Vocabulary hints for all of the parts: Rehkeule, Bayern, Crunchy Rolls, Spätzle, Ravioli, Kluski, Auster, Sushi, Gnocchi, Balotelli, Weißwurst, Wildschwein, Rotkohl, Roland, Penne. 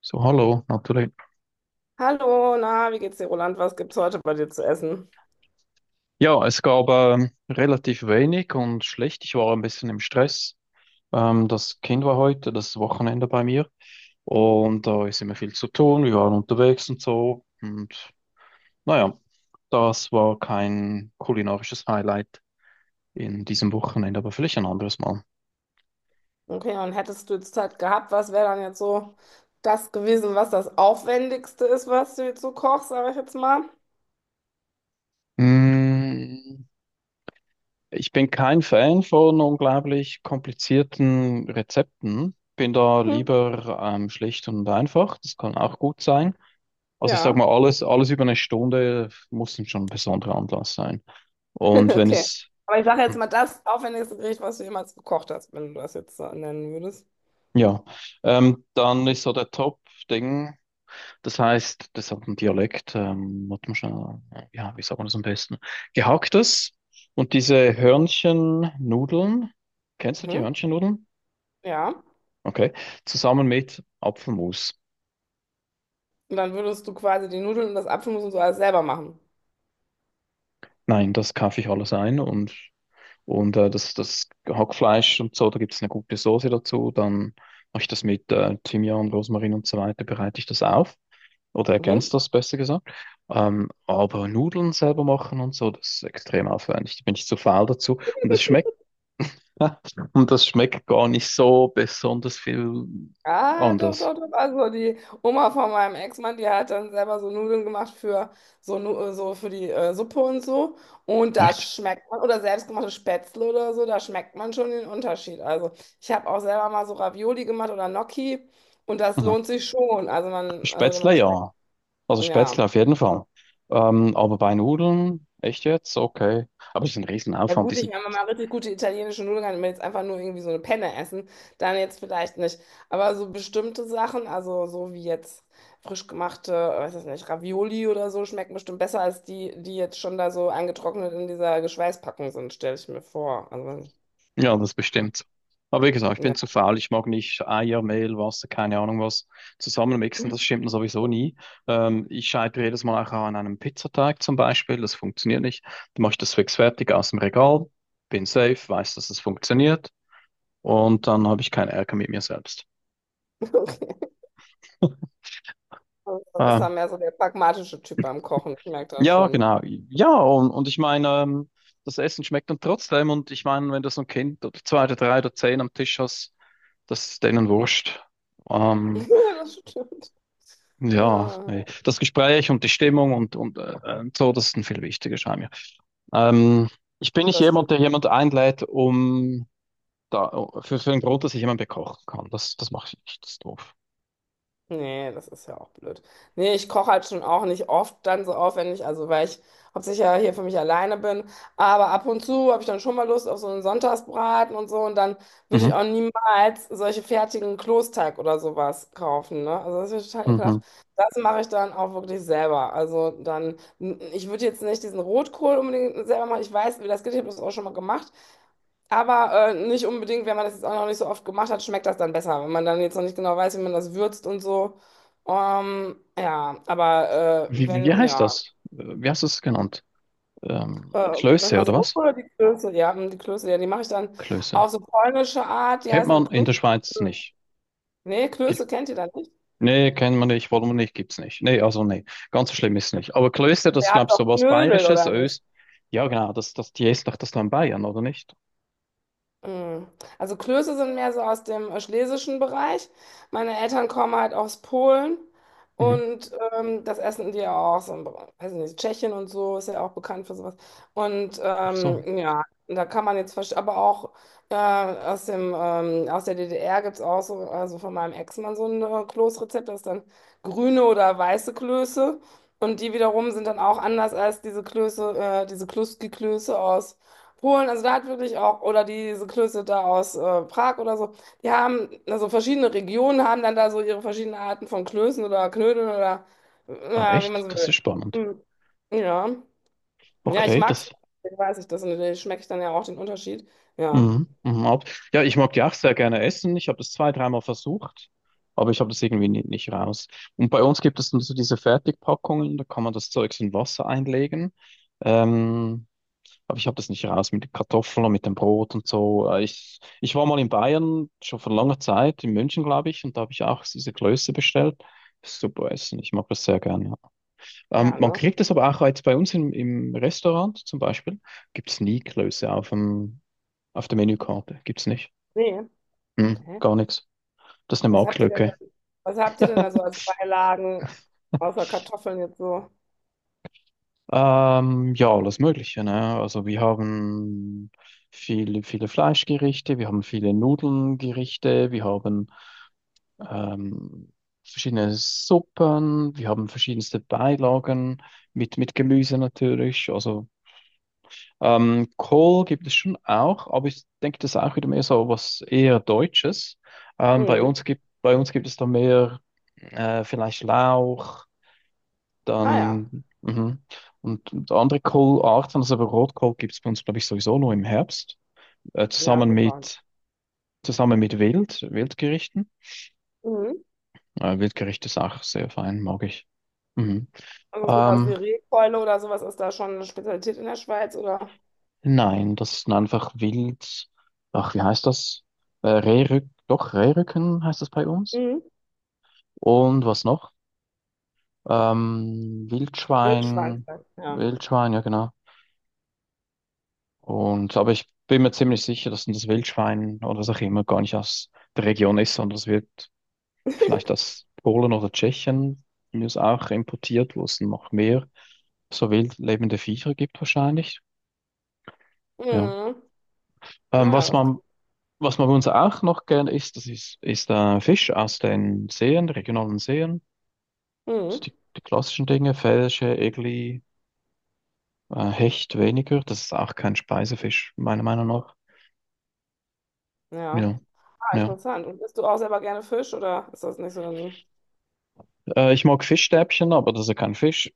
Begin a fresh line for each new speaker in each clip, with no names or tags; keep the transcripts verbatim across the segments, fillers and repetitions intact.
So, hallo, natürlich.
Hallo, na, wie geht's dir, Roland? Was gibt's heute bei dir zu essen?
Ja, es gab ähm, relativ wenig und schlecht. Ich war ein bisschen im Stress. Ähm, das Kind war heute, das Wochenende bei mir. Und da ist immer viel zu tun. Wir waren unterwegs und so. Und naja, das war kein kulinarisches Highlight in diesem Wochenende, aber vielleicht ein anderes Mal.
Okay, und hättest du jetzt Zeit gehabt, was wäre dann jetzt so das gewesen, was das Aufwendigste ist, was du jetzt so kochst, sage ich jetzt mal?
Mm, ich bin kein Fan von unglaublich komplizierten Rezepten. Bin da
Hm,
lieber ähm, schlicht und einfach. Das kann auch gut sein. Also ich sag
ja,
mal, alles, alles über eine Stunde muss dann schon ein besonderer Anlass sein. Und wenn
okay.
es,
Aber ich sage jetzt mal das aufwendigste Gericht, was du jemals gekocht hast, wenn du das jetzt so nennen würdest.
ja, ähm, dann ist so der Top-Ding. Das heißt, das hat einen Dialekt, ähm, hat man schon, ja, wie sagt man das am besten? Gehacktes und diese Hörnchennudeln, kennst du die
Mhm,
Hörnchennudeln?
ja.
Okay, zusammen mit Apfelmus.
Und dann würdest du quasi die Nudeln und das Apfelmus und so alles selber machen.
Nein, das kaufe ich alles ein und, und äh, das, das Hackfleisch und so, da gibt es eine gute Soße dazu. Dann mache ich das mit äh, Thymian, Rosmarin und so weiter, bereite ich das auf oder
Mhm.
ergänze das besser gesagt. Ähm, aber Nudeln selber machen und so, das ist extrem aufwendig. Da bin ich zu faul dazu. Und das schmeckt, und das schmeckt gar nicht so besonders viel
Ah, doch,
anders.
doch, doch. Also die Oma von meinem Ex-Mann, die hat dann selber so Nudeln gemacht für so, Nu- äh, so für die äh, Suppe und so. Und da
Echt?
schmeckt man, oder selbstgemachte Spätzle oder so, da schmeckt man schon den Unterschied. Also ich habe auch selber mal so Ravioli gemacht oder Gnocchi und das
Aha.
lohnt sich schon. Also man, also man
Spätzle,
schmeckt,
ja. Also
ja.
Spätzle auf jeden Fall. Ähm, aber bei Nudeln, echt jetzt? Okay. Aber es ist ein
Ja
Riesenaufwand, die
gut, ich
sind,
meine, mal richtig gute italienische Nudeln kann, wenn jetzt einfach nur irgendwie so eine Penne essen, dann jetzt vielleicht nicht. Aber so bestimmte Sachen, also so wie jetzt frisch gemachte, weiß ich nicht, Ravioli oder so, schmecken bestimmt besser als die, die jetzt schon da so eingetrocknet in dieser Geschweißpackung sind, stelle ich mir vor. Also,
ja, das
ja,
bestimmt. So. Aber wie gesagt, ich bin zu
ja.
faul, ich mag nicht Eier, Mehl, Wasser, keine Ahnung was zusammenmixen, das stimmt mir sowieso nie. Ähm, ich scheitere jedes Mal auch an einem Pizzateig zum Beispiel, das funktioniert nicht. Dann mache ich das fix fertig aus dem Regal, bin safe, weiß, dass es funktioniert und dann habe ich keinen Ärger mit mir selbst.
okay. Also, Du bist
Ähm,
ja mehr so der pragmatische Typ beim Kochen, ich merke das
Ja,
schon.
genau. Ja, und, und ich meine, ähm, das Essen schmeckt dann trotzdem. Und ich meine, wenn du so ein Kind oder zwei oder drei oder zehn am Tisch hast, das ist denen wurscht.
Ja,
Ähm,
das stimmt.
ja,
Ja,
nee. Das Gespräch und die Stimmung und, und äh, äh, so, das ist dann viel wichtiger, scheint mir. Ähm, ich bin nicht
das
jemand,
stimmt.
der jemand einlädt, um da, für, für den Grund, dass ich jemand bekochen kann. Das, das mache ich nicht, das ist doof.
Nee, das ist ja auch blöd. Nee, ich koche halt schon auch nicht oft dann so aufwendig, also weil ich hauptsächlich ja hier für mich alleine bin. Aber ab und zu habe ich dann schon mal Lust auf so einen Sonntagsbraten und so. Und dann würde ich
Mhm.
auch niemals solche fertigen Kloßteig oder sowas kaufen, ne? Also das ist total
Mhm.
ekelhaft. Das mache ich dann auch wirklich selber. Also dann, ich würde jetzt nicht diesen Rotkohl unbedingt selber machen. Ich weiß, wie das geht, ich habe das auch schon mal gemacht. Aber äh, nicht unbedingt, wenn man das jetzt auch noch nicht so oft gemacht hat, schmeckt das dann besser, wenn man dann jetzt noch nicht genau weiß, wie man das würzt und so. Ähm, ja, aber äh,
Wie, wie wie
wenn,
heißt
ja,
das? Äh, Wie hast du es genannt?
äh,
Ähm,
was
Klöße
meinst
oder
du,
was?
Rotkohl oder die Klöße? Ja, hm, die Klöße, ja, die mache ich dann
Klöße.
auf so polnische Art, die
Kennt
heißen dann
man in der
Klöße.
Schweiz nicht.
Nee,
Gi-
Klöße kennt ihr dann nicht.
Nee, kennen wir nicht, wollen wir nicht, gibt's nicht. Nee, also nee, ganz so schlimm ist es nicht. Aber Klöster, das ist,
Ihr
glaube
habt
ich so
doch
was
Knödel,
Bayerisches,
oder nicht?
Ös. Ja, genau, das, das, die ist doch das dann Bayern, oder nicht?
Mm. Also Klöße sind mehr so aus dem äh, schlesischen Bereich. Meine Eltern kommen halt aus Polen
Mhm.
und ähm, das essen die ja auch so, im Bereich- weiß nicht, Tschechien und so ist ja auch bekannt für sowas. Und
Ach so.
ähm, ja, da kann man jetzt, verste- aber auch äh, aus dem, ähm, aus der D D R gibt es auch so, also von meinem Ex-Mann so ein äh, Kloßrezept, das ist dann grüne oder weiße Klöße. Und die wiederum sind dann auch anders als diese Klöße, äh, diese Kluski-Klöße aus Polen, also da hat wirklich auch, oder diese Klöße da aus äh, Prag oder so, die haben, also verschiedene Regionen haben dann da so ihre verschiedenen Arten von Klößen oder Knödeln oder
Ah,
äh, wie man
echt?
so
Das
will.
ist spannend.
Hm. Ja. Ja, ich
Okay,
mag es,
das.
deswegen weiß ich das, und da schmecke ich dann ja auch den Unterschied. Ja,
Mhm. Mhm. ab- Ja, ich mag die auch sehr gerne essen. Ich habe das zwei, dreimal versucht, aber ich habe das irgendwie nicht, nicht raus. Und bei uns gibt es dann so diese Fertigpackungen, da kann man das Zeugs in Wasser einlegen. Ähm, Aber ich habe das nicht raus mit den Kartoffeln und mit dem Brot und so. Äh, Ich, ich war mal in Bayern, schon vor langer Zeit, in München, glaube ich, und da habe ich auch diese Klöße bestellt. Super Essen, ich mag das sehr gerne. Ja. Ähm,
ja,
man
ne?
kriegt das aber auch jetzt bei uns im, im Restaurant zum Beispiel, gibt es nie Klöße auf dem, auf der Menükarte. Gibt es nicht.
Nee.
Hm,
Okay.
gar nichts. Das ist eine
Was habt ihr denn da,
Marktlücke.
was habt ihr denn da so als Beilagen außer Kartoffeln jetzt so?
Ähm, ja, alles Mögliche, ne? Also wir haben viele, viele Fleischgerichte, wir haben viele Nudelngerichte, wir haben ähm, verschiedene Suppen. Wir haben verschiedenste Beilagen mit, mit Gemüse natürlich. Also ähm, Kohl gibt es schon auch, aber ich denke, das ist auch wieder mehr so was eher Deutsches. Ähm, bei
Mhm.
uns gibt, bei uns gibt es da mehr äh, vielleicht Lauch,
Ah ja.
dann mhm. und, und andere Kohlarten. Also aber Rotkohl gibt es bei uns, glaube ich, sowieso nur im Herbst, äh,
Ja,
zusammen
gut war.
mit, zusammen mit Wild, Wildgerichten.
Mhm.
Äh, Wildgericht ist auch sehr fein, mag ich. Mhm.
Also sowas wie
Ähm,
Rehkeule oder sowas ist da schon eine Spezialität in der Schweiz oder
nein, das sind einfach wild. Ach, wie heißt das? Äh, Rehrück, doch, Rehrücken heißt das bei uns.
mhm.
Und was noch? Ähm,
Wildschwein,
Wildschwein,
ja.
Wildschwein, ja genau. Und aber ich bin mir ziemlich sicher, dass das Wildschwein oder was auch immer gar nicht aus der Region ist, sondern es wird vielleicht aus Polen oder Tschechien von mir ist auch importiert, wo es noch mehr so wild lebende Viecher gibt wahrscheinlich. Ja.
Mhm.
Ähm,
Ja,
was
das,
man Was man bei uns auch noch gerne isst, das ist, ist äh, Fisch aus den Seen, regionalen Seen. So
mhm.
die, die klassischen Dinge, Felsche, Egli, äh, Hecht weniger. Das ist auch kein Speisefisch, meiner Meinung nach.
Ja,
Ja,
ah,
ja.
interessant. Und isst du auch selber gerne Fisch oder ist das nicht so dein Ding?
Äh, ich mag Fischstäbchen, aber das ist ja kein Fisch.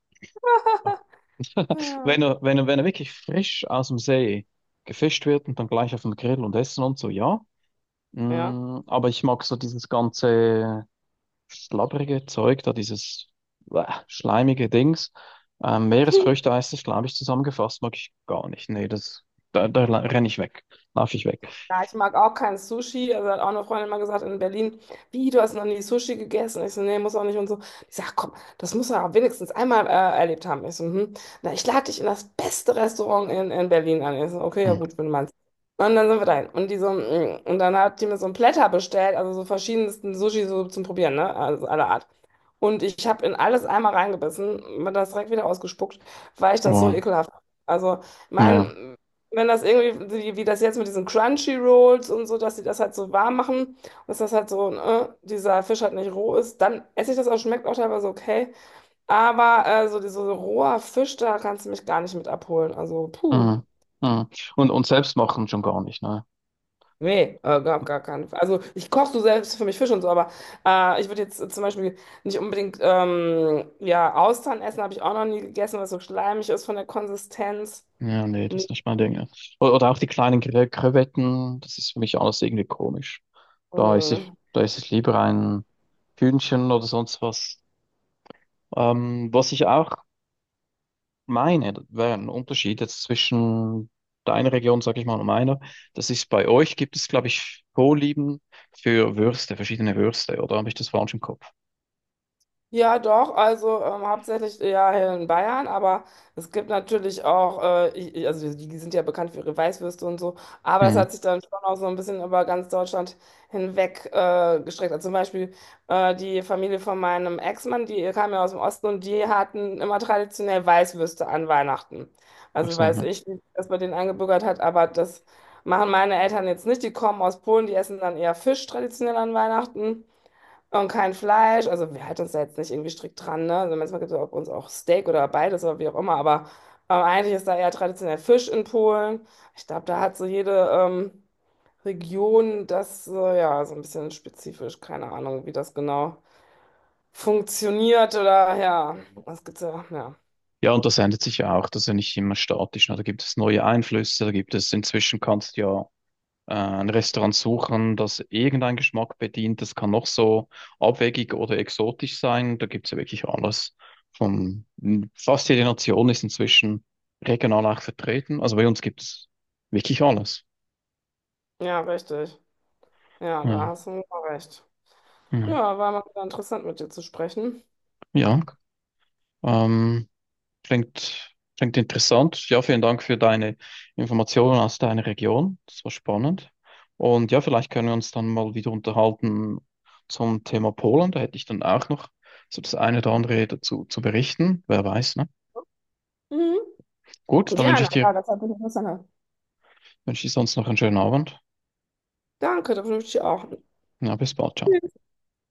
Ja.
Wenn er, wenn er, wenn er wirklich frisch aus dem See gefischt wird und dann gleich auf dem Grill und essen und so, ja.
Ja.
Mm, aber ich mag so dieses ganze schlabbrige Zeug, da dieses äh, schleimige Dings. Ähm, Meeresfrüchte heißt es, glaube ich, zusammengefasst, mag ich gar nicht. Nee, das, da, da la- renne ich weg, laufe ich weg.
Ja, ich mag auch kein Sushi. Also hat auch eine Freundin mal gesagt in Berlin, wie, du hast noch nie Sushi gegessen? Ich so, nee, muss auch nicht und so. Ich sag, komm, das muss er auch wenigstens einmal äh, erlebt haben. Ich so, hm. Na, ich lade dich in das beste Restaurant in, in Berlin an. Ich so, okay, ja
Hm.
gut, wenn du meinst. Und dann sind wir dahin. Und, die so, mm, und dann hat die mir so ein Platter bestellt, also so verschiedensten Sushi so zum Probieren, ne? Also aller Art. Und ich habe in alles einmal reingebissen, mir das direkt wieder ausgespuckt, weil ich das so
Wow.
ekelhaft fand. Also,
Ja.
mein, wenn das irgendwie, wie, wie das jetzt mit diesen Crunchy Rolls und so, dass sie das halt so warm machen und dass das halt so, äh, dieser Fisch halt nicht roh ist, dann esse ich das auch, schmeckt auch teilweise okay. Aber äh, so dieser so roher Fisch, da kannst du mich gar nicht mit abholen. Also, puh.
Hm. Hm. Und, und selbst machen schon gar nicht, ne?
Nee, äh, gar, gar keinen Fall. Also ich koche so selbst für mich Fisch und so, aber äh, ich würde jetzt äh, zum Beispiel nicht unbedingt ähm, ja, Austern essen, habe ich auch noch nie gegessen, weil es so schleimig ist von der Konsistenz.
Ja, nee, das ist nicht mein Ding. Ja. O- Oder auch die kleinen Kre- Krevetten, das ist für mich alles irgendwie komisch. Da ist
Nee.
ich, da ist es lieber ein Hühnchen oder sonst was. Ähm, was ich auch meine, das wäre ein Unterschied jetzt zwischen deiner Region, sag ich mal, und meiner. Das ist bei euch, gibt es, glaube ich, Vorlieben für Würste, verschiedene Würste, oder habe ich das falsch im Kopf?
Ja, doch, also ähm, hauptsächlich ja hier in Bayern, aber es gibt natürlich auch, äh, ich, ich- also die, die sind ja bekannt für ihre Weißwürste und so, aber das
Hm.
hat sich dann schon auch so ein bisschen über ganz Deutschland hinweg äh, gestreckt. Also zum Beispiel äh, die Familie von meinem Ex-Mann, die kam ja aus dem Osten und die hatten immer traditionell Weißwürste an Weihnachten.
Ach
Also
so,
weiß
ja.
ich, wie sich das bei denen eingebürgert hat, aber das machen meine Eltern jetzt nicht. Die kommen aus Polen, die essen dann eher Fisch traditionell an Weihnachten. Und kein Fleisch. Also wir halten uns da jetzt nicht irgendwie strikt dran, ne? Also manchmal gibt es bei uns auch Steak oder beides oder wie auch immer, aber äh, eigentlich ist da eher traditionell Fisch in Polen. Ich glaube, da hat so jede ähm, Region das so, ja, so ein bisschen spezifisch. Keine Ahnung, wie das genau funktioniert oder ja, was gibt's da? Ja.
Ja, und das ändert sich ja auch, das ist ja nicht immer statisch, ne? Da gibt es neue Einflüsse, da gibt es inzwischen kannst du ja äh, ein Restaurant suchen, das irgendeinen Geschmack bedient. Das kann noch so abwegig oder exotisch sein. Da gibt's ja wirklich alles. Von fast jede Nation ist inzwischen regional auch vertreten. Also bei uns gibt's wirklich alles.
Ja, richtig. Ja, da
Ja,
hast du wohl recht.
ja.
Ja, war mal wieder interessant mit dir zu sprechen.
Ja, ähm, klingt, klingt interessant. Ja, vielen Dank für deine Informationen aus deiner Region. Das war spannend. Und ja, vielleicht können wir uns dann mal wieder unterhalten zum Thema Polen. Da hätte ich dann auch noch so das eine oder andere dazu zu berichten. Wer weiß, ne?
Mhm.
Gut, dann wünsche
Gerne,
ich dir,
ja, das hat mich interessant.
wünsche ich dir sonst noch einen schönen Abend.
Danke, da wünsche ich dir auch.
Ja, bis bald. Ciao.
Tschüss.